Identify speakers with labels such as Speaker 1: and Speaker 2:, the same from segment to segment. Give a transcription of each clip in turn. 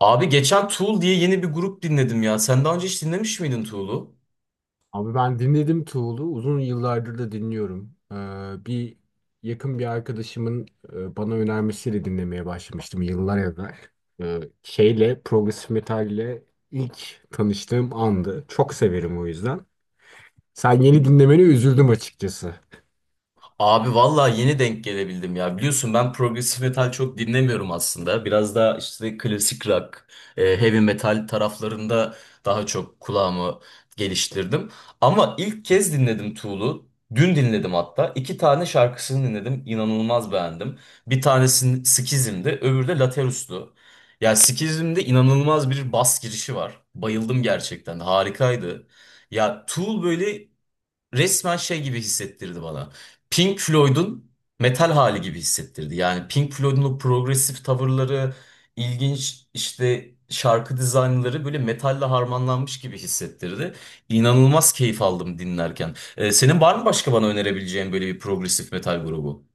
Speaker 1: Abi geçen Tool diye yeni bir grup dinledim ya. Sen daha önce hiç dinlemiş miydin Tool'u?
Speaker 2: Abi ben dinledim Tool'u. Uzun yıllardır da dinliyorum. Bir yakın bir arkadaşımın bana önermesiyle dinlemeye başlamıştım yıllar evvel. Şeyle, progresif metalle ilk tanıştığım andı. Çok severim o yüzden. Sen yeni dinlemeni üzüldüm açıkçası.
Speaker 1: Abi vallahi yeni denk gelebildim ya. Biliyorsun ben progresif metal çok dinlemiyorum aslında. Biraz daha işte klasik rock, heavy metal taraflarında daha çok kulağımı geliştirdim. Ama ilk kez dinledim Tool'u. Dün dinledim hatta. İki tane şarkısını dinledim. İnanılmaz beğendim. Bir tanesi Schism'di, öbürü de Laterus'tu. Ya Schism'de inanılmaz bir bas girişi var. Bayıldım gerçekten. Harikaydı. Ya Tool böyle resmen şey gibi hissettirdi bana. Pink Floyd'un metal hali gibi hissettirdi. Yani Pink Floyd'un o progresif tavırları, ilginç işte şarkı dizaynları böyle metalle harmanlanmış gibi hissettirdi. İnanılmaz keyif aldım dinlerken. Senin var mı başka bana önerebileceğin böyle bir progresif metal grubu?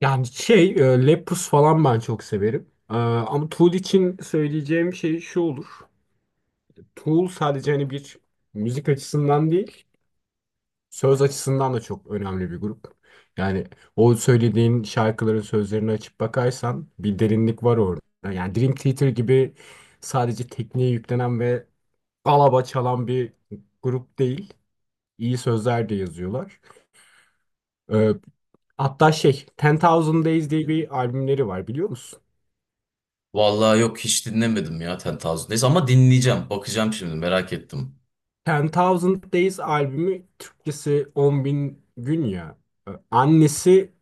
Speaker 2: Yani şey, Lepus falan ben çok severim. Ama Tool için söyleyeceğim şey şu olur. Tool sadece hani bir müzik açısından değil, söz açısından da çok önemli bir grup. Yani o söylediğin şarkıların sözlerini açıp bakarsan bir derinlik var orada. Yani Dream Theater gibi sadece tekniğe yüklenen ve alaba çalan bir grup değil. İyi sözler de yazıyorlar. Ee, Hatta şey, Ten Thousand Days diye bir albümleri var biliyor musun?
Speaker 1: Vallahi yok hiç dinlemedim ya Ten Thousand Days ama dinleyeceğim. Bakacağım şimdi merak ettim.
Speaker 2: Ten Thousand Days albümü Türkçesi 10 bin gün ya. Annesi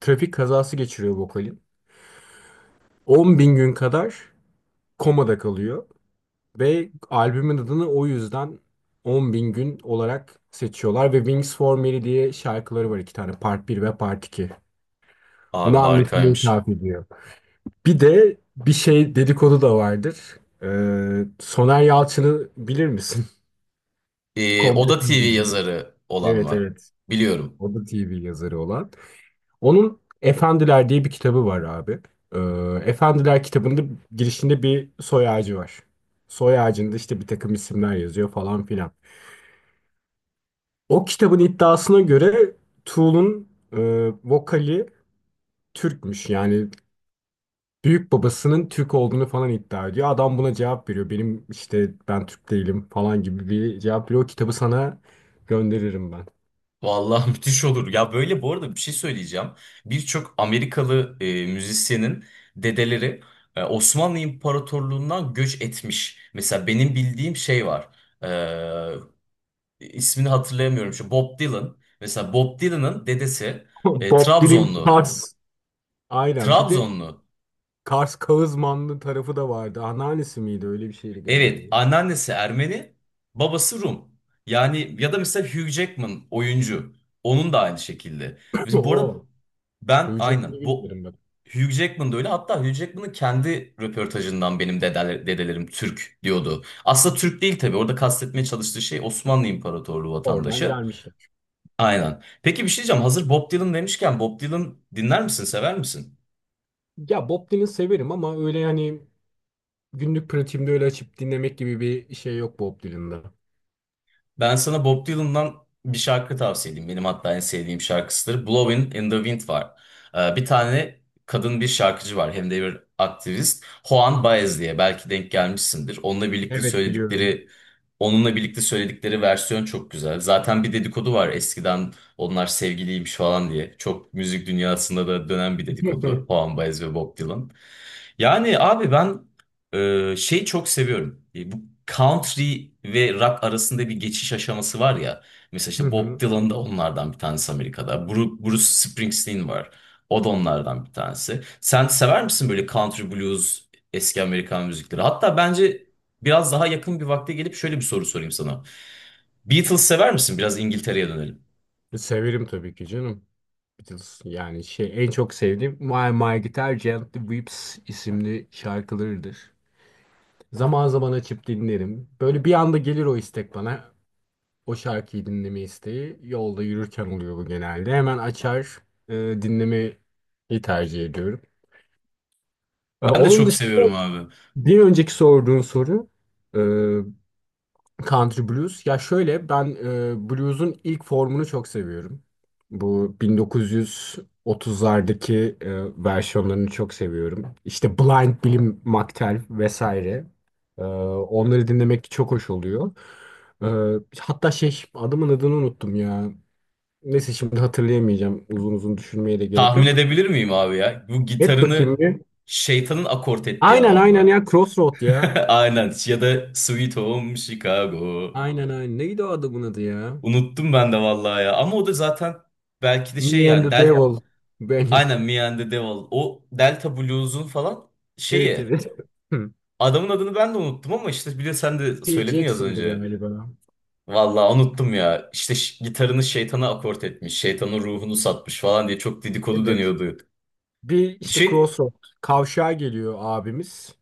Speaker 2: trafik kazası geçiriyor vokalin. 10 bin gün kadar komada kalıyor ve albümün adını o yüzden 10 bin gün olarak seçiyorlar ve Wings for Mary diye şarkıları var iki tane Part bir ve Part 2.
Speaker 1: Abi
Speaker 2: Bunu annesine
Speaker 1: harikaymış.
Speaker 2: ithaf ediyor. Bir de bir şey dedikodu da vardır. Soner Yalçın'ı bilir misin? Komple
Speaker 1: Oda
Speaker 2: Tüm
Speaker 1: TV
Speaker 2: Dünya.
Speaker 1: yazarı olan
Speaker 2: Evet,
Speaker 1: mı?
Speaker 2: evet.
Speaker 1: Biliyorum.
Speaker 2: O da TV yazarı olan. Onun Efendiler diye bir kitabı var abi. Ee, Efendiler kitabında girişinde bir soy ağacı var. Soy ağacında işte bir takım isimler yazıyor falan filan. O kitabın iddiasına göre Tool'un vokali Türkmüş. Yani büyük babasının Türk olduğunu falan iddia ediyor. Adam buna cevap veriyor. Benim işte ben Türk değilim falan gibi bir cevap veriyor. O kitabı sana gönderirim ben.
Speaker 1: Vallahi müthiş olur. Ya böyle bu arada bir şey söyleyeceğim. Birçok Amerikalı müzisyenin dedeleri Osmanlı İmparatorluğundan göç etmiş. Mesela benim bildiğim şey var. İsmini hatırlayamıyorum. Şu Bob Dylan. Mesela Bob Dylan'ın dedesi
Speaker 2: Bob Dylan
Speaker 1: Trabzonlu.
Speaker 2: Tars. Aynen. Bir de
Speaker 1: Trabzonlu.
Speaker 2: Kars Kağızmanlı tarafı da vardı. Anneannesi miydi? Öyle bir şeydi
Speaker 1: Evet,
Speaker 2: galiba.
Speaker 1: anneannesi Ermeni, babası Rum. Yani ya da mesela Hugh Jackman oyuncu. Onun da aynı şekilde. Mesela bu arada
Speaker 2: O.
Speaker 1: ben
Speaker 2: Övecek mi
Speaker 1: aynen bu
Speaker 2: bilmiyorum bak.
Speaker 1: Hugh Jackman da öyle. Hatta Hugh Jackman'ın kendi röportajından benim dedeler, dedelerim Türk diyordu. Aslında Türk değil tabii. Orada kastetmeye çalıştığı şey Osmanlı İmparatorluğu
Speaker 2: Oradan
Speaker 1: vatandaşı.
Speaker 2: gelmişler.
Speaker 1: Aynen. Peki bir şey diyeceğim. Hazır Bob Dylan demişken Bob Dylan dinler misin, sever misin?
Speaker 2: Ya Bob Dylan severim ama öyle hani günlük pratiğimde öyle açıp dinlemek gibi bir şey yok Bob Dylan'da.
Speaker 1: Ben sana Bob Dylan'dan bir şarkı tavsiye edeyim. Benim hatta en sevdiğim şarkısıdır. Blowing in the Wind var. Bir tane kadın bir şarkıcı var. Hem de bir aktivist. Juan Baez diye. Belki denk gelmişsindir.
Speaker 2: Evet, biliyorum.
Speaker 1: Onunla birlikte söyledikleri versiyon çok güzel. Zaten bir dedikodu var eskiden onlar sevgiliymiş falan diye. Çok müzik dünyasında da dönen bir dedikodu. Juan Baez ve Bob Dylan. Yani abi ben şeyi çok seviyorum. E, bu country ve rock arasında bir geçiş aşaması var ya. Mesela
Speaker 2: Hı
Speaker 1: işte Bob
Speaker 2: hı.
Speaker 1: Dylan da onlardan bir tanesi Amerika'da. Bruce Springsteen var. O da onlardan bir tanesi. Sen sever misin böyle country blues, eski Amerikan müzikleri? Hatta bence biraz daha yakın bir vakte gelip şöyle bir soru sorayım sana. Beatles sever misin? Biraz İngiltere'ye dönelim.
Speaker 2: Severim tabii ki canım. Beatles yani şey en çok sevdiğim My My Guitar Gently Weeps isimli şarkılarıdır. Zaman zaman açıp dinlerim. Böyle bir anda gelir o istek bana. O şarkıyı dinleme isteği yolda yürürken oluyor bu genelde. Hemen açar e, dinlemeyi tercih ediyorum.
Speaker 1: Ben de
Speaker 2: Onun
Speaker 1: çok
Speaker 2: dışında
Speaker 1: seviyorum abi.
Speaker 2: bir önceki sorduğun soru e, country blues. Ya şöyle ben blues'un ilk formunu çok seviyorum. Bu 1930'lardaki versiyonlarını çok seviyorum. İşte Blind Billy McTell vesaire. Onları dinlemek çok hoş oluyor. Ee, Hatta şey adamın adını unuttum ya. Neyse şimdi hatırlayamayacağım. Uzun uzun düşünmeye de gerek
Speaker 1: Tahmin
Speaker 2: yok.
Speaker 1: edebilir miyim abi ya? Bu
Speaker 2: Et bakayım
Speaker 1: gitarını
Speaker 2: bir.
Speaker 1: şeytanın akort ettiği
Speaker 2: Aynen,
Speaker 1: adam
Speaker 2: aynen
Speaker 1: mı?
Speaker 2: ya Crossroad ya.
Speaker 1: Aynen ya da Sweet Home Chicago.
Speaker 2: Aynen, aynen. Neydi o adamın adı ya?
Speaker 1: Unuttum ben de vallahi ya. Ama o da zaten belki de şey,
Speaker 2: Me and
Speaker 1: yani
Speaker 2: the
Speaker 1: Del
Speaker 2: Devil. Benim.
Speaker 1: aynen Me and the Devil. O Delta Blues'un falan
Speaker 2: Evet,
Speaker 1: şeyi.
Speaker 2: evet. Hı.
Speaker 1: Adamın adını ben de unuttum ama işte biliyor sen de
Speaker 2: P.
Speaker 1: söyledin ya az
Speaker 2: Jackson'dı
Speaker 1: önce.
Speaker 2: galiba.
Speaker 1: Vallahi unuttum ya. İşte gitarını şeytana akort etmiş. Şeytanın ruhunu satmış falan diye çok dedikodu
Speaker 2: Evet.
Speaker 1: dönüyordu.
Speaker 2: Bir işte
Speaker 1: Şey,
Speaker 2: Crossroad. Kavşağa geliyor abimiz.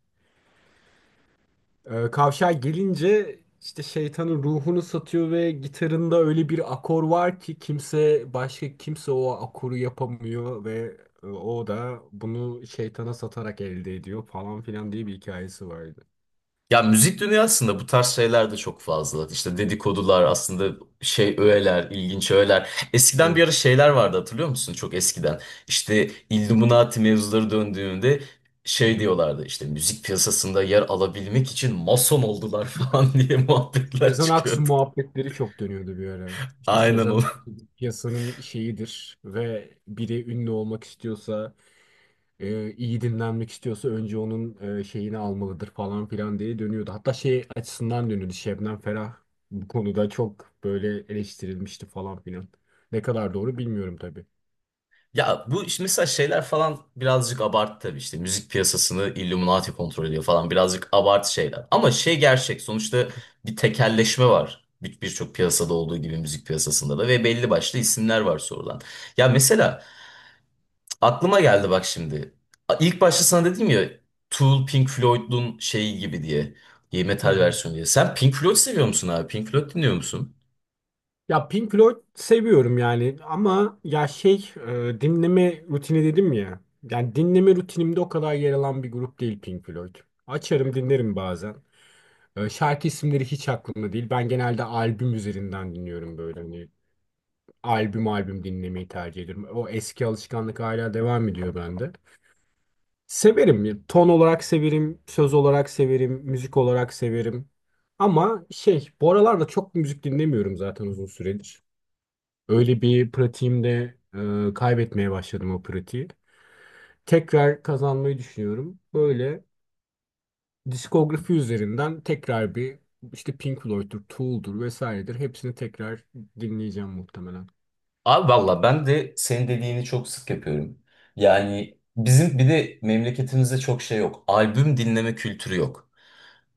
Speaker 2: Kavşağa gelince işte şeytanın ruhunu satıyor ve gitarında öyle bir akor var ki kimse başka kimse o akoru yapamıyor ve o da bunu şeytana satarak elde ediyor falan filan diye bir hikayesi vardı.
Speaker 1: ya müzik dünyasında bu tarz şeyler de çok fazla. İşte dedikodular aslında şey öğeler, ilginç öğeler. Eskiden bir ara
Speaker 2: Evet.
Speaker 1: şeyler vardı, hatırlıyor musun? Çok eskiden. İşte Illuminati mevzuları döndüğünde
Speaker 2: Hı
Speaker 1: şey
Speaker 2: hı.
Speaker 1: diyorlardı, işte müzik piyasasında yer alabilmek için mason oldular falan diye muhabbetler
Speaker 2: Sezen Aksu
Speaker 1: çıkıyordu.
Speaker 2: muhabbetleri çok dönüyordu bir ara. İşte
Speaker 1: Aynen.
Speaker 2: Sezen Aksu piyasanın şeyidir ve biri ünlü olmak istiyorsa iyi dinlenmek istiyorsa önce onun şeyini almalıdır falan filan diye dönüyordu. Hatta şey açısından dönüyordu. Şebnem Ferah bu konuda çok böyle eleştirilmişti falan filan. Ne kadar doğru bilmiyorum tabii.
Speaker 1: Ya bu işte mesela şeyler falan birazcık abartı tabii, işte müzik piyasasını Illuminati kontrol ediyor falan, birazcık abartı şeyler. Ama şey gerçek sonuçta, bir tekelleşme var. Birçok piyasada olduğu gibi müzik piyasasında da, ve belli başlı isimler var sorulan. Ya mesela aklıma geldi bak şimdi. İlk başta sana dedim ya Tool Pink Floyd'un şeyi gibi diye. Y
Speaker 2: Hı
Speaker 1: metal
Speaker 2: hı.
Speaker 1: versiyonu diye. Sen Pink Floyd seviyor musun abi? Pink Floyd dinliyor musun?
Speaker 2: Ya Pink Floyd seviyorum yani ama ya şey dinleme rutini dedim ya. Yani dinleme rutinimde o kadar yer alan bir grup değil Pink Floyd. Açarım dinlerim bazen. Şarkı isimleri hiç aklımda değil. Ben genelde albüm üzerinden dinliyorum böyle. Hani albüm albüm dinlemeyi tercih ediyorum. O eski alışkanlık hala devam ediyor bende. Severim. Ya, ton olarak severim, söz olarak severim, müzik olarak severim. Ama şey, bu aralarda çok müzik dinlemiyorum zaten uzun süredir. Öyle bir pratiğim kaybetmeye başladım o pratiği. Tekrar kazanmayı düşünüyorum. Böyle diskografi üzerinden tekrar bir işte Pink Floyd'dur, Tool'dur vesairedir. Hepsini tekrar dinleyeceğim muhtemelen.
Speaker 1: Abi valla ben de senin dediğini çok sık yapıyorum. Yani bizim bir de memleketimizde çok şey yok. Albüm dinleme kültürü yok.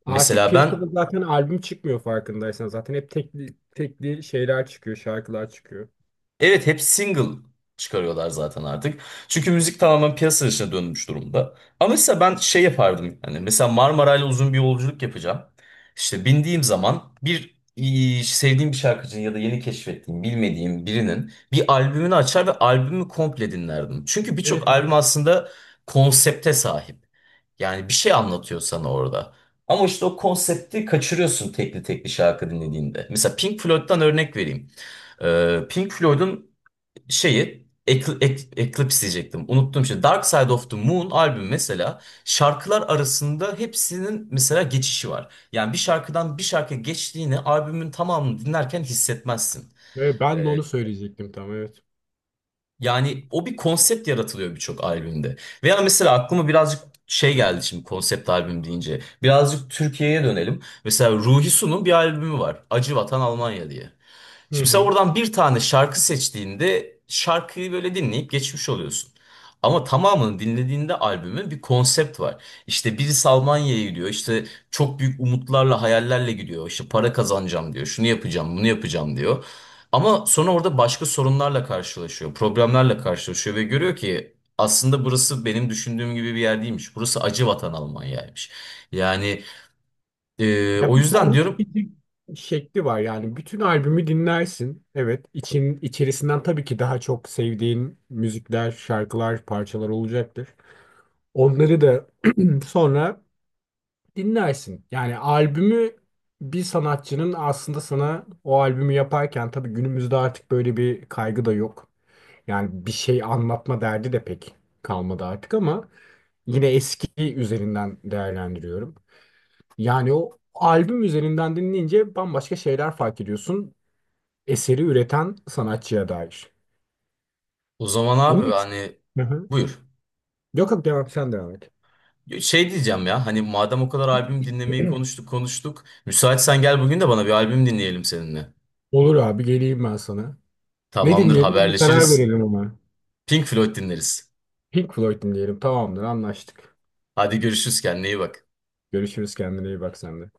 Speaker 2: Artık
Speaker 1: Mesela ben
Speaker 2: piyasada zaten albüm çıkmıyor farkındaysan. Zaten hep tekli, tekli şeyler çıkıyor, şarkılar çıkıyor.
Speaker 1: evet hep single çıkarıyorlar zaten artık. Çünkü müzik tamamen piyasa dışına dönmüş durumda. Ama mesela ben şey yapardım. Yani mesela Marmaray'la uzun bir yolculuk yapacağım. İşte bindiğim zaman bir sevdiğim bir şarkıcının ya da yeni keşfettiğim, bilmediğim birinin bir albümünü açar ve albümü komple dinlerdim. Çünkü
Speaker 2: Evet,
Speaker 1: birçok albüm
Speaker 2: evet.
Speaker 1: aslında konsepte sahip. Yani bir şey anlatıyor sana orada. Ama işte o konsepti kaçırıyorsun tekli tekli şarkı dinlediğinde. Mesela Pink Floyd'dan örnek vereyim. Pink Floyd'un şeyi Eclipse diyecektim. Unuttum şimdi. Dark Side of the Moon albüm mesela, şarkılar arasında hepsinin mesela geçişi var. Yani bir şarkıdan bir şarkıya geçtiğini albümün tamamını dinlerken hissetmezsin.
Speaker 2: Evet, ben de onu
Speaker 1: Ee,
Speaker 2: söyleyecektim tam evet.
Speaker 1: Yani o bir konsept yaratılıyor birçok albümde. Veya mesela aklıma birazcık şey geldi şimdi konsept albüm deyince. Birazcık Türkiye'ye dönelim. Mesela Ruhi Su'nun bir albümü var. Acı Vatan Almanya diye.
Speaker 2: Hı
Speaker 1: Şimdi sen
Speaker 2: hı.
Speaker 1: oradan bir tane şarkı seçtiğinde şarkıyı böyle dinleyip geçmiş oluyorsun. Ama tamamını dinlediğinde albümün bir konsept var. İşte birisi Almanya'ya gidiyor. İşte çok büyük umutlarla, hayallerle gidiyor. İşte para kazanacağım diyor. Şunu yapacağım, bunu yapacağım diyor. Ama sonra orada başka sorunlarla karşılaşıyor. Problemlerle karşılaşıyor ve
Speaker 2: Hı
Speaker 1: görüyor
Speaker 2: hı.
Speaker 1: ki aslında burası benim düşündüğüm gibi bir yer değilmiş. Burası acı vatan Almanya'ymış. Yani
Speaker 2: Ya
Speaker 1: o
Speaker 2: bir
Speaker 1: yüzden
Speaker 2: doğru
Speaker 1: diyorum
Speaker 2: tüketim şekli var yani. Bütün albümü dinlersin. Evet, içerisinden tabii ki daha çok sevdiğin müzikler, şarkılar, parçalar olacaktır. Onları da sonra dinlersin. Yani albümü bir sanatçının aslında sana o albümü yaparken tabii günümüzde artık böyle bir kaygı da yok. Yani bir şey anlatma derdi de pek kalmadı artık ama yine eski üzerinden değerlendiriyorum. Yani o albüm üzerinden dinleyince bambaşka şeyler fark ediyorsun. Eseri üreten sanatçıya dair.
Speaker 1: o zaman
Speaker 2: Onu
Speaker 1: abi,
Speaker 2: hiç...
Speaker 1: hani
Speaker 2: Hı hı.
Speaker 1: buyur.
Speaker 2: Yok, yok, devam sen devam et.
Speaker 1: Şey diyeceğim ya, hani madem o kadar albüm dinlemeyi konuştuk konuştuk. Müsaitsen gel bugün de bana bir albüm dinleyelim seninle.
Speaker 2: Olur abi geleyim ben sana. Ne
Speaker 1: Tamamdır,
Speaker 2: dinleyelim bir karar
Speaker 1: haberleşiriz.
Speaker 2: verelim ama.
Speaker 1: Pink Floyd dinleriz.
Speaker 2: Pink Floyd'um diyelim. Tamamdır, anlaştık.
Speaker 1: Hadi görüşürüz, kendine iyi bak.
Speaker 2: Görüşürüz, kendine iyi bak sen de.